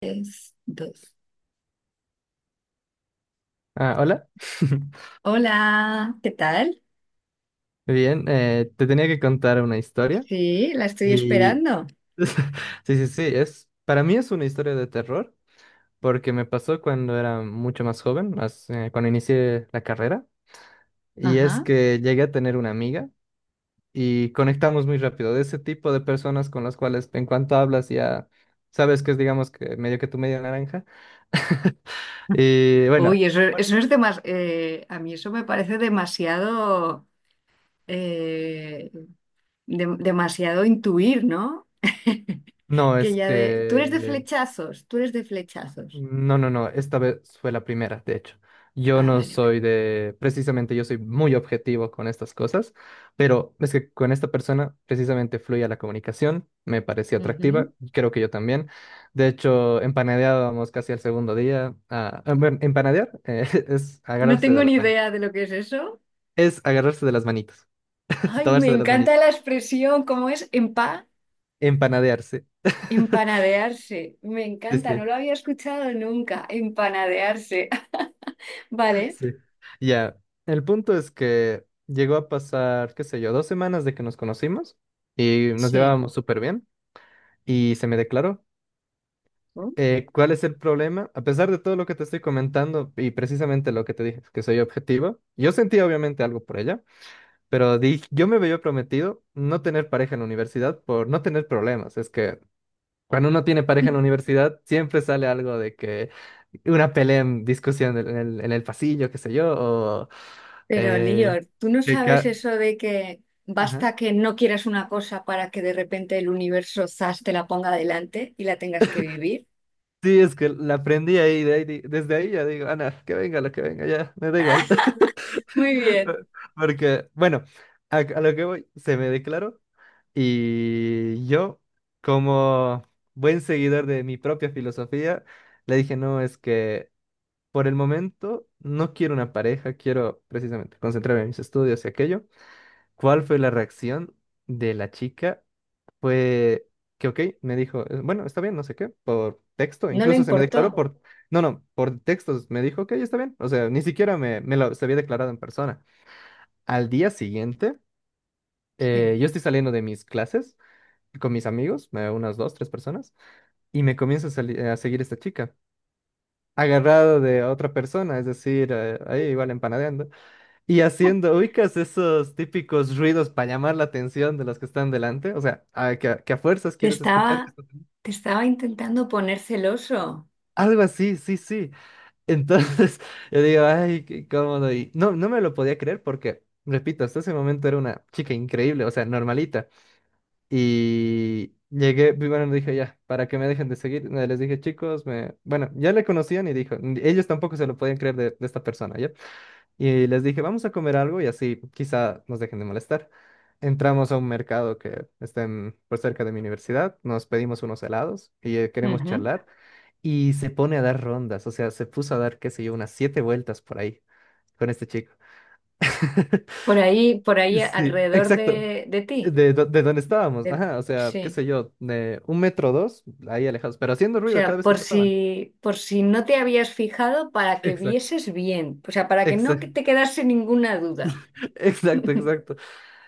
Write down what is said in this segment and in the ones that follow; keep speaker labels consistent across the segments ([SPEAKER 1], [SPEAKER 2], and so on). [SPEAKER 1] Tres, dos.
[SPEAKER 2] Ah, hola.
[SPEAKER 1] Hola, ¿qué tal?
[SPEAKER 2] Bien, te tenía que contar una historia
[SPEAKER 1] Sí, la estoy
[SPEAKER 2] y
[SPEAKER 1] esperando.
[SPEAKER 2] sí, sí, sí, es para mí es una historia de terror porque me pasó cuando era mucho más joven, más, cuando inicié la carrera y es
[SPEAKER 1] Ajá.
[SPEAKER 2] que llegué a tener una amiga y conectamos muy rápido, de ese tipo de personas con las cuales en cuanto hablas ya sabes que es, digamos que medio que tu media naranja. Y bueno,
[SPEAKER 1] Uy, eso es demasiado. A mí eso me parece demasiado, eh, demasiado intuir, ¿no?
[SPEAKER 2] no
[SPEAKER 1] Que
[SPEAKER 2] es
[SPEAKER 1] ya de. Tú eres de
[SPEAKER 2] que...
[SPEAKER 1] flechazos, tú eres de flechazos.
[SPEAKER 2] No, no, no, esta vez fue la primera, de hecho. Yo
[SPEAKER 1] Ah,
[SPEAKER 2] no
[SPEAKER 1] vale, vale.
[SPEAKER 2] soy de, precisamente yo soy muy objetivo con estas cosas, pero es que con esta persona precisamente fluía la comunicación, me parecía
[SPEAKER 1] Ujú.
[SPEAKER 2] atractiva, y creo que yo también. De hecho, empanadeábamos casi al segundo día. Ah, ah, bueno, empanadear, es
[SPEAKER 1] No
[SPEAKER 2] agarrarse
[SPEAKER 1] tengo
[SPEAKER 2] de
[SPEAKER 1] ni
[SPEAKER 2] las
[SPEAKER 1] idea de
[SPEAKER 2] manitas,
[SPEAKER 1] lo que es eso.
[SPEAKER 2] es agarrarse de las manitas,
[SPEAKER 1] Ay, me
[SPEAKER 2] tomarse de las
[SPEAKER 1] encanta
[SPEAKER 2] manitas,
[SPEAKER 1] la expresión, ¿cómo es? Empa,
[SPEAKER 2] empanadearse.
[SPEAKER 1] empanadearse. Me
[SPEAKER 2] Sí,
[SPEAKER 1] encanta, no
[SPEAKER 2] sí.
[SPEAKER 1] lo había escuchado nunca, empanadearse. Vale.
[SPEAKER 2] Sí. Ya, el punto es que llegó a pasar, qué sé yo, dos semanas de que nos conocimos y nos
[SPEAKER 1] Sí.
[SPEAKER 2] llevábamos súper bien y se me declaró.
[SPEAKER 1] ¿No?
[SPEAKER 2] ¿cuál es el problema? A pesar de todo lo que te estoy comentando y precisamente lo que te dije, que soy objetivo, yo sentía obviamente algo por ella, pero di, yo me había prometido no tener pareja en la universidad por no tener problemas. Es que cuando uno tiene pareja en la universidad, siempre sale algo, de que una pelea, en discusión en el pasillo, qué sé yo, o
[SPEAKER 1] Pero Lío,
[SPEAKER 2] eh,
[SPEAKER 1] tú no
[SPEAKER 2] que...
[SPEAKER 1] sabes
[SPEAKER 2] ca-
[SPEAKER 1] eso de que
[SPEAKER 2] Ajá.
[SPEAKER 1] basta que no quieras una cosa para que de repente el universo zas te la ponga delante y la tengas que vivir.
[SPEAKER 2] Sí, es que la aprendí ahí, de ahí di- desde ahí ya digo, Ana, que venga lo que venga, ya, me da igual.
[SPEAKER 1] Muy bien.
[SPEAKER 2] Porque, bueno, a lo que voy, se me declaró y yo, como buen seguidor de mi propia filosofía, le dije, no, es que... Por el momento, no quiero una pareja, quiero precisamente concentrarme en mis estudios y aquello. ¿Cuál fue la reacción de la chica? Fue que, ok, me dijo, bueno, está bien, no sé qué", por texto,
[SPEAKER 1] No le
[SPEAKER 2] incluso se me declaró
[SPEAKER 1] importó.
[SPEAKER 2] por... no, no, por textos, me dijo, ok, está bien, o sea, ni siquiera me lo... se había declarado en persona. Al día siguiente,
[SPEAKER 1] Sí.
[SPEAKER 2] yo estoy saliendo de mis clases con mis amigos, unas dos, tres personas, y me comienza a, sali- a seguir esta chica, agarrado de otra persona, es decir, ahí igual empanadeando. Y haciendo, ubicas esos típicos ruidos para llamar la atención de los que están delante, o sea, a- que, a que a fuerzas
[SPEAKER 1] Te
[SPEAKER 2] quieres escuchar. Que
[SPEAKER 1] estaba,
[SPEAKER 2] están- delante.
[SPEAKER 1] te estaba intentando poner celoso.
[SPEAKER 2] Algo así, sí, sí. Entonces, yo digo, ay, qué cómodo. Y no, no me lo podía creer porque, repito, hasta ese momento era una chica increíble, o sea, normalita. Y llegué, y bueno, dije, ya, para que me dejen de seguir, les dije, chicos, me... bueno, ya le conocían y dijo, ellos tampoco se lo podían creer de esta persona, ¿ya? Y les dije, vamos a comer algo y así quizá nos dejen de molestar. Entramos a un mercado que está en- por cerca de mi universidad, nos pedimos unos helados y queremos
[SPEAKER 1] Ujú.
[SPEAKER 2] charlar. Y se pone a dar rondas, o sea, se puso a dar, qué sé yo, unas siete vueltas por ahí con este chico.
[SPEAKER 1] Por ahí, por ahí
[SPEAKER 2] Sí,
[SPEAKER 1] alrededor
[SPEAKER 2] exacto.
[SPEAKER 1] de ti.
[SPEAKER 2] De, do- de donde estábamos,
[SPEAKER 1] De-
[SPEAKER 2] ajá, o sea, qué
[SPEAKER 1] sí.
[SPEAKER 2] sé yo, de un metro o dos, ahí alejados, pero haciendo
[SPEAKER 1] O
[SPEAKER 2] ruido cada
[SPEAKER 1] sea,
[SPEAKER 2] vez que
[SPEAKER 1] por
[SPEAKER 2] pasaban.
[SPEAKER 1] si, por si no te habías fijado, para que
[SPEAKER 2] Exacto,
[SPEAKER 1] vieses bien. O sea, para que no
[SPEAKER 2] exacto,
[SPEAKER 1] te quedase ninguna duda.
[SPEAKER 2] exacto, exacto.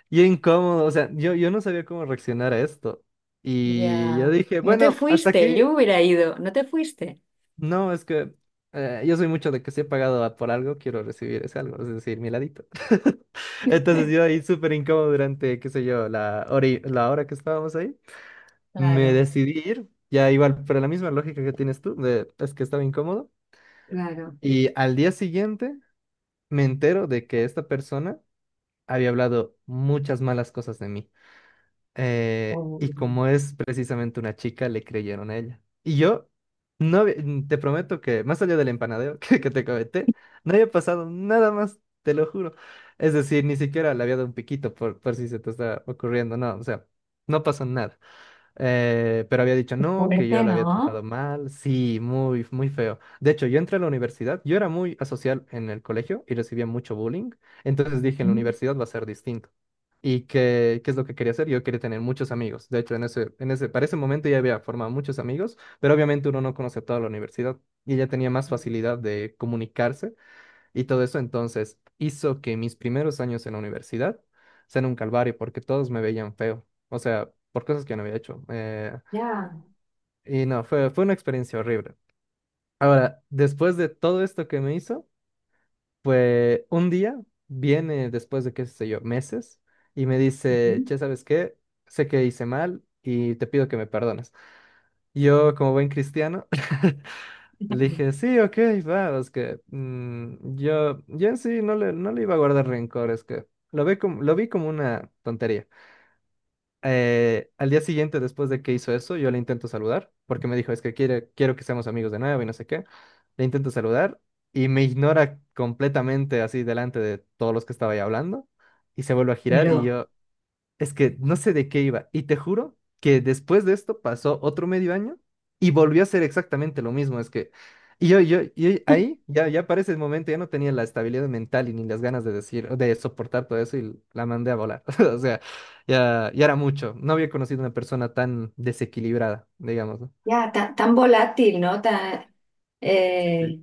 [SPEAKER 2] Y incómodo, o sea, yo no sabía cómo reaccionar a esto. Y yo
[SPEAKER 1] Ya.
[SPEAKER 2] dije,
[SPEAKER 1] No te
[SPEAKER 2] bueno, hasta
[SPEAKER 1] fuiste,
[SPEAKER 2] aquí,
[SPEAKER 1] yo me hubiera ido. No te fuiste.
[SPEAKER 2] no, es que yo soy mucho de que si he pagado a- por algo, quiero recibir ese algo, es decir, mi ladito. Entonces yo ahí súper incómodo durante, qué sé yo, la hora, y- la hora que estábamos ahí, me
[SPEAKER 1] Claro.
[SPEAKER 2] decidí ir, ya igual, pero la misma lógica que tienes tú, de, es que estaba incómodo.
[SPEAKER 1] Claro.
[SPEAKER 2] Y al día siguiente me entero de que esta persona había hablado muchas malas cosas de mí. Eh,
[SPEAKER 1] Oh,
[SPEAKER 2] y como es precisamente una chica, le creyeron a ella. Y yo, no había- te prometo que, más allá del empanadeo que te comenté, no había pasado nada más, te lo juro. Es decir, ni siquiera le había dado un piquito por si se te está ocurriendo, no, o sea, no pasó nada. Pero había dicho
[SPEAKER 1] qué
[SPEAKER 2] no, que yo
[SPEAKER 1] fuerte,
[SPEAKER 2] la había tratado
[SPEAKER 1] ¿no?
[SPEAKER 2] mal, sí, muy, muy feo. De hecho, yo entré a la universidad, yo era muy asocial en el colegio y recibía mucho bullying, entonces dije, en la
[SPEAKER 1] Mm.
[SPEAKER 2] universidad va a ser distinto. ¿Y qué, qué es lo que quería hacer? Yo quería tener muchos amigos. De hecho, en ese, para ese momento ya había formado muchos amigos, pero obviamente uno no conoce a toda la universidad y ya tenía más facilidad de comunicarse y todo eso. Entonces, hizo que mis primeros años en la universidad sean un calvario porque todos me veían feo. O sea, por cosas que no había hecho.
[SPEAKER 1] Ya.
[SPEAKER 2] Y no, fue, fue una experiencia horrible. Ahora, después de todo esto que me hizo... Pues un día viene, después de qué sé yo, meses, y me dice,
[SPEAKER 1] Ujú.
[SPEAKER 2] che, ¿sabes qué? Sé que hice mal y te pido que me perdones. Yo, como buen cristiano, le dije, sí, ok, va, es que yo en sí no le, no le iba a guardar rencor, es que lo vi como una tontería. Al día siguiente, después de que hizo eso, yo le intento saludar, porque me dijo, es que quiere, quiero que seamos amigos de nuevo y no sé qué. Le intento saludar y me ignora completamente así delante de todos los que estaba ahí hablando y se vuelve a girar y
[SPEAKER 1] Pero
[SPEAKER 2] yo, es que no sé de qué iba. Y te juro que después de esto pasó otro medio año y volvió a ser exactamente lo mismo. Es que, y ahí ya, ya para ese momento ya no tenía la estabilidad mental y ni las ganas de decir, de soportar todo eso, y la mandé a volar. O sea, ya, ya era mucho. No había conocido una persona tan desequilibrada, digamos, ¿no?
[SPEAKER 1] ya, ta- tan, volátil, ¿no? Tan,
[SPEAKER 2] Sí.
[SPEAKER 1] eh,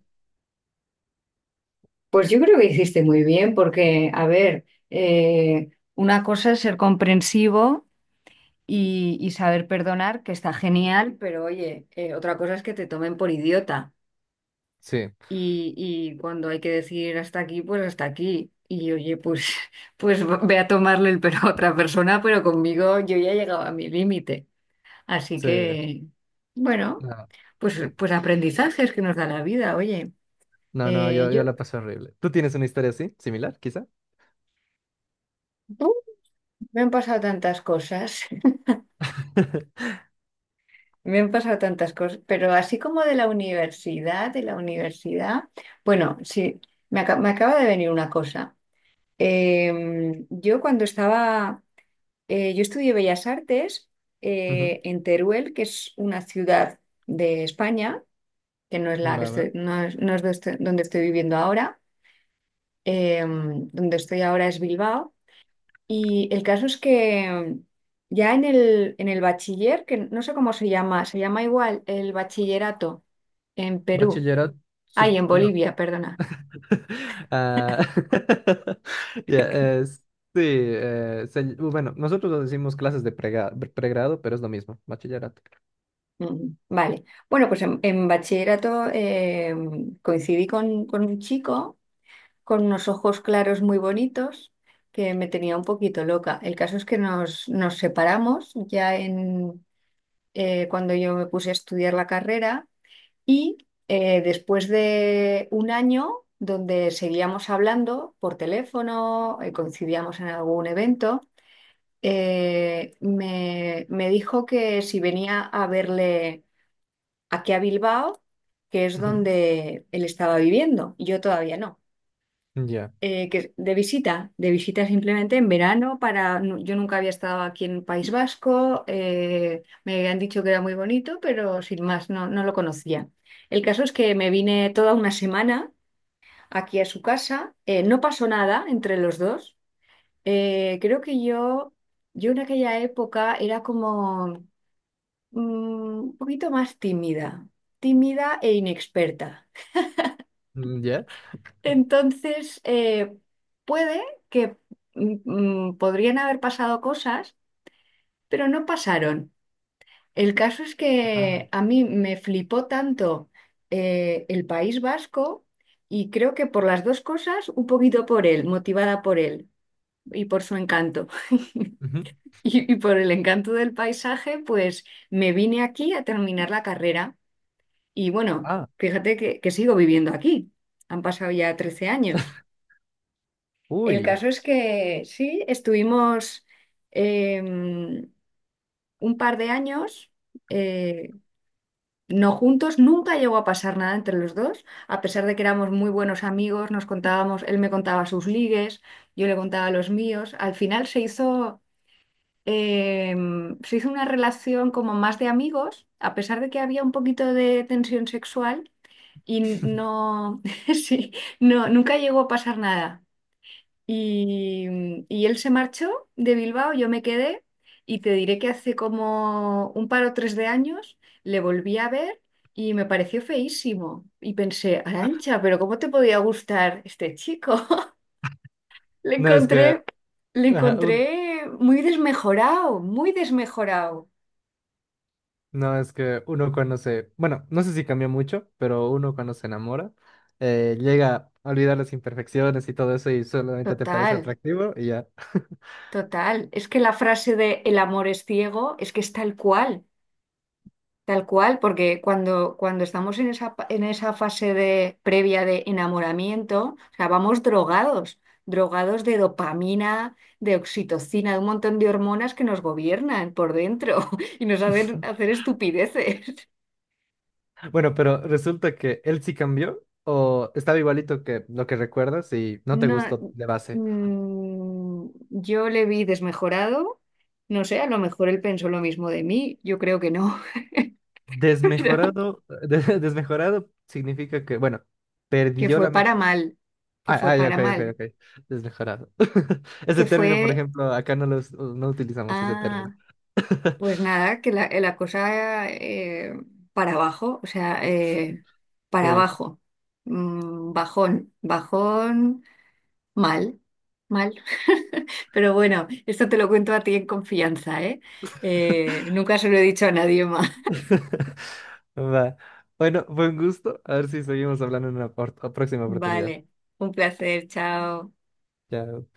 [SPEAKER 1] pues yo creo que hiciste muy bien, porque, a ver, eh, una cosa es ser comprensivo y saber perdonar, que está genial, pero oye, otra cosa es que te tomen por idiota.
[SPEAKER 2] Sí,
[SPEAKER 1] Y, y cuando hay que decir hasta aquí, pues hasta aquí. Y oye, pues, pues ve a tomarle el pelo a otra persona, pero conmigo yo ya he llegado a mi límite. Así
[SPEAKER 2] sí.
[SPEAKER 1] que, bueno,
[SPEAKER 2] No,
[SPEAKER 1] pues,
[SPEAKER 2] eh,
[SPEAKER 1] pues aprendizajes que nos da la vida, oye.
[SPEAKER 2] no, no,
[SPEAKER 1] Yo,
[SPEAKER 2] yo la pasé horrible. ¿Tú tienes una historia así, similar, quizá?
[SPEAKER 1] ¡uh! Me han pasado tantas cosas, me han pasado tantas cosas, pero así como de la universidad, bueno, sí, me, aca- me acaba de venir una cosa. Yo cuando estaba. Yo estudié Bellas Artes
[SPEAKER 2] Ujú,
[SPEAKER 1] en Teruel, que es una ciudad de España, que no es la que
[SPEAKER 2] va, va.
[SPEAKER 1] estoy- no es, no es do- estoy- donde estoy viviendo ahora. Eh, donde estoy ahora es Bilbao. Y el caso es que ya en el bachiller, que no sé cómo se llama igual el bachillerato en Perú.
[SPEAKER 2] Bachillerato,
[SPEAKER 1] Ay,
[SPEAKER 2] sup-
[SPEAKER 1] en
[SPEAKER 2] no.
[SPEAKER 1] Bolivia, perdona.
[SPEAKER 2] Ah, ya, sí, se- bueno, nosotros lo decimos clases de prega- pregrado, pero es lo mismo, bachillerato.
[SPEAKER 1] Mm, vale. Bueno, pues en bachillerato coincidí con un chico, con unos ojos claros muy bonitos, que me tenía un poquito loca. El caso es que nos, nos separamos ya en, cuando yo me puse a estudiar la carrera y después de un año donde seguíamos hablando por teléfono, coincidíamos en algún evento, me dijo que si venía a verle aquí a Bilbao, que es
[SPEAKER 2] Ujú,
[SPEAKER 1] donde él estaba viviendo, y yo todavía no.
[SPEAKER 2] ya,
[SPEAKER 1] Que de visita simplemente en verano para, nu- yo nunca había estado aquí en País Vasco, me han dicho que era muy bonito, pero sin más, no, no lo conocía. El caso es que me vine toda una semana aquí a su casa, no pasó nada entre los dos. Eh, creo que yo, yo en aquella época era como un poquito más tímida, tímida e inexperta.
[SPEAKER 2] mm, ya.
[SPEAKER 1] Entonces, puede que mm, mm, podrían haber pasado cosas, pero no pasaron. El caso es
[SPEAKER 2] Ah,
[SPEAKER 1] que a mí me flipó tanto el País Vasco, y creo que por las dos cosas, un poquito por él, motivada por él y por su encanto.
[SPEAKER 2] ujú.
[SPEAKER 1] Y, y por el encanto del paisaje, pues me vine aquí a terminar la carrera. Y bueno,
[SPEAKER 2] Ah,
[SPEAKER 1] fíjate que sigo viviendo aquí. Han pasado ya 13 años. El
[SPEAKER 2] uy.
[SPEAKER 1] caso es que sí, estuvimos un par de años, eh, no juntos, nunca llegó a pasar nada entre los dos, a pesar de que éramos muy buenos amigos, nos contábamos, él me contaba sus ligues, yo le contaba los míos. Al final eh, se hizo una relación como más de amigos, a pesar de que había un poquito de tensión sexual y no, sí, no, nunca llegó a pasar nada. Y, y él se marchó de Bilbao, yo me quedé y te diré que hace como un par o tres de años le volví a ver y me pareció feísimo. Y pensé, Arancha, pero ¿cómo te podía gustar este chico? Le
[SPEAKER 2] No es que,
[SPEAKER 1] encontré, le
[SPEAKER 2] ajá, un-
[SPEAKER 1] encontré muy desmejorado, muy desmejorado.
[SPEAKER 2] no es que uno cuando se, bueno, no sé si cambia mucho, pero uno cuando se enamora, llega a olvidar las imperfecciones y todo eso y solamente te parece
[SPEAKER 1] Total,
[SPEAKER 2] atractivo y ya.
[SPEAKER 1] total. Es que la frase de el amor es ciego es que es tal cual. Tal cual, porque cuando, cuando estamos en esa, pa- en esa fase de, previa de enamoramiento, o sea, vamos drogados, drogados de dopamina, de oxitocina, de un montón de hormonas que nos gobiernan por dentro y nos hacen hacer estupideces.
[SPEAKER 2] Bueno, pero resulta que él sí cambió o estaba igualito que lo que recuerdas y no te
[SPEAKER 1] No,
[SPEAKER 2] gustó de base.
[SPEAKER 1] yo le vi desmejorado, no sé, a lo mejor él pensó lo mismo de mí, yo creo que no, pero
[SPEAKER 2] Desmejorado, de- desmejorado significa que, bueno,
[SPEAKER 1] que
[SPEAKER 2] perdió la
[SPEAKER 1] fue para
[SPEAKER 2] mejor.
[SPEAKER 1] mal, que
[SPEAKER 2] Ah,
[SPEAKER 1] fue
[SPEAKER 2] ah, ya,
[SPEAKER 1] para
[SPEAKER 2] ok, ok,
[SPEAKER 1] mal,
[SPEAKER 2] ok. Desmejorado. Ese
[SPEAKER 1] que
[SPEAKER 2] término, por
[SPEAKER 1] fue...
[SPEAKER 2] ejemplo, acá no los, no utilizamos ese
[SPEAKER 1] Ah.
[SPEAKER 2] término.
[SPEAKER 1] Pues nada, que la cosa para abajo, o sea, para
[SPEAKER 2] Oye.
[SPEAKER 1] abajo. Mm, bajón, bajón, mal, mal. Pero bueno, esto te lo cuento a ti en confianza, ¿eh? Nunca se lo he dicho a nadie más.
[SPEAKER 2] Va. Bueno, buen gusto. A ver si seguimos hablando en una por- próxima oportunidad.
[SPEAKER 1] Vale, un placer, chao.
[SPEAKER 2] Ya.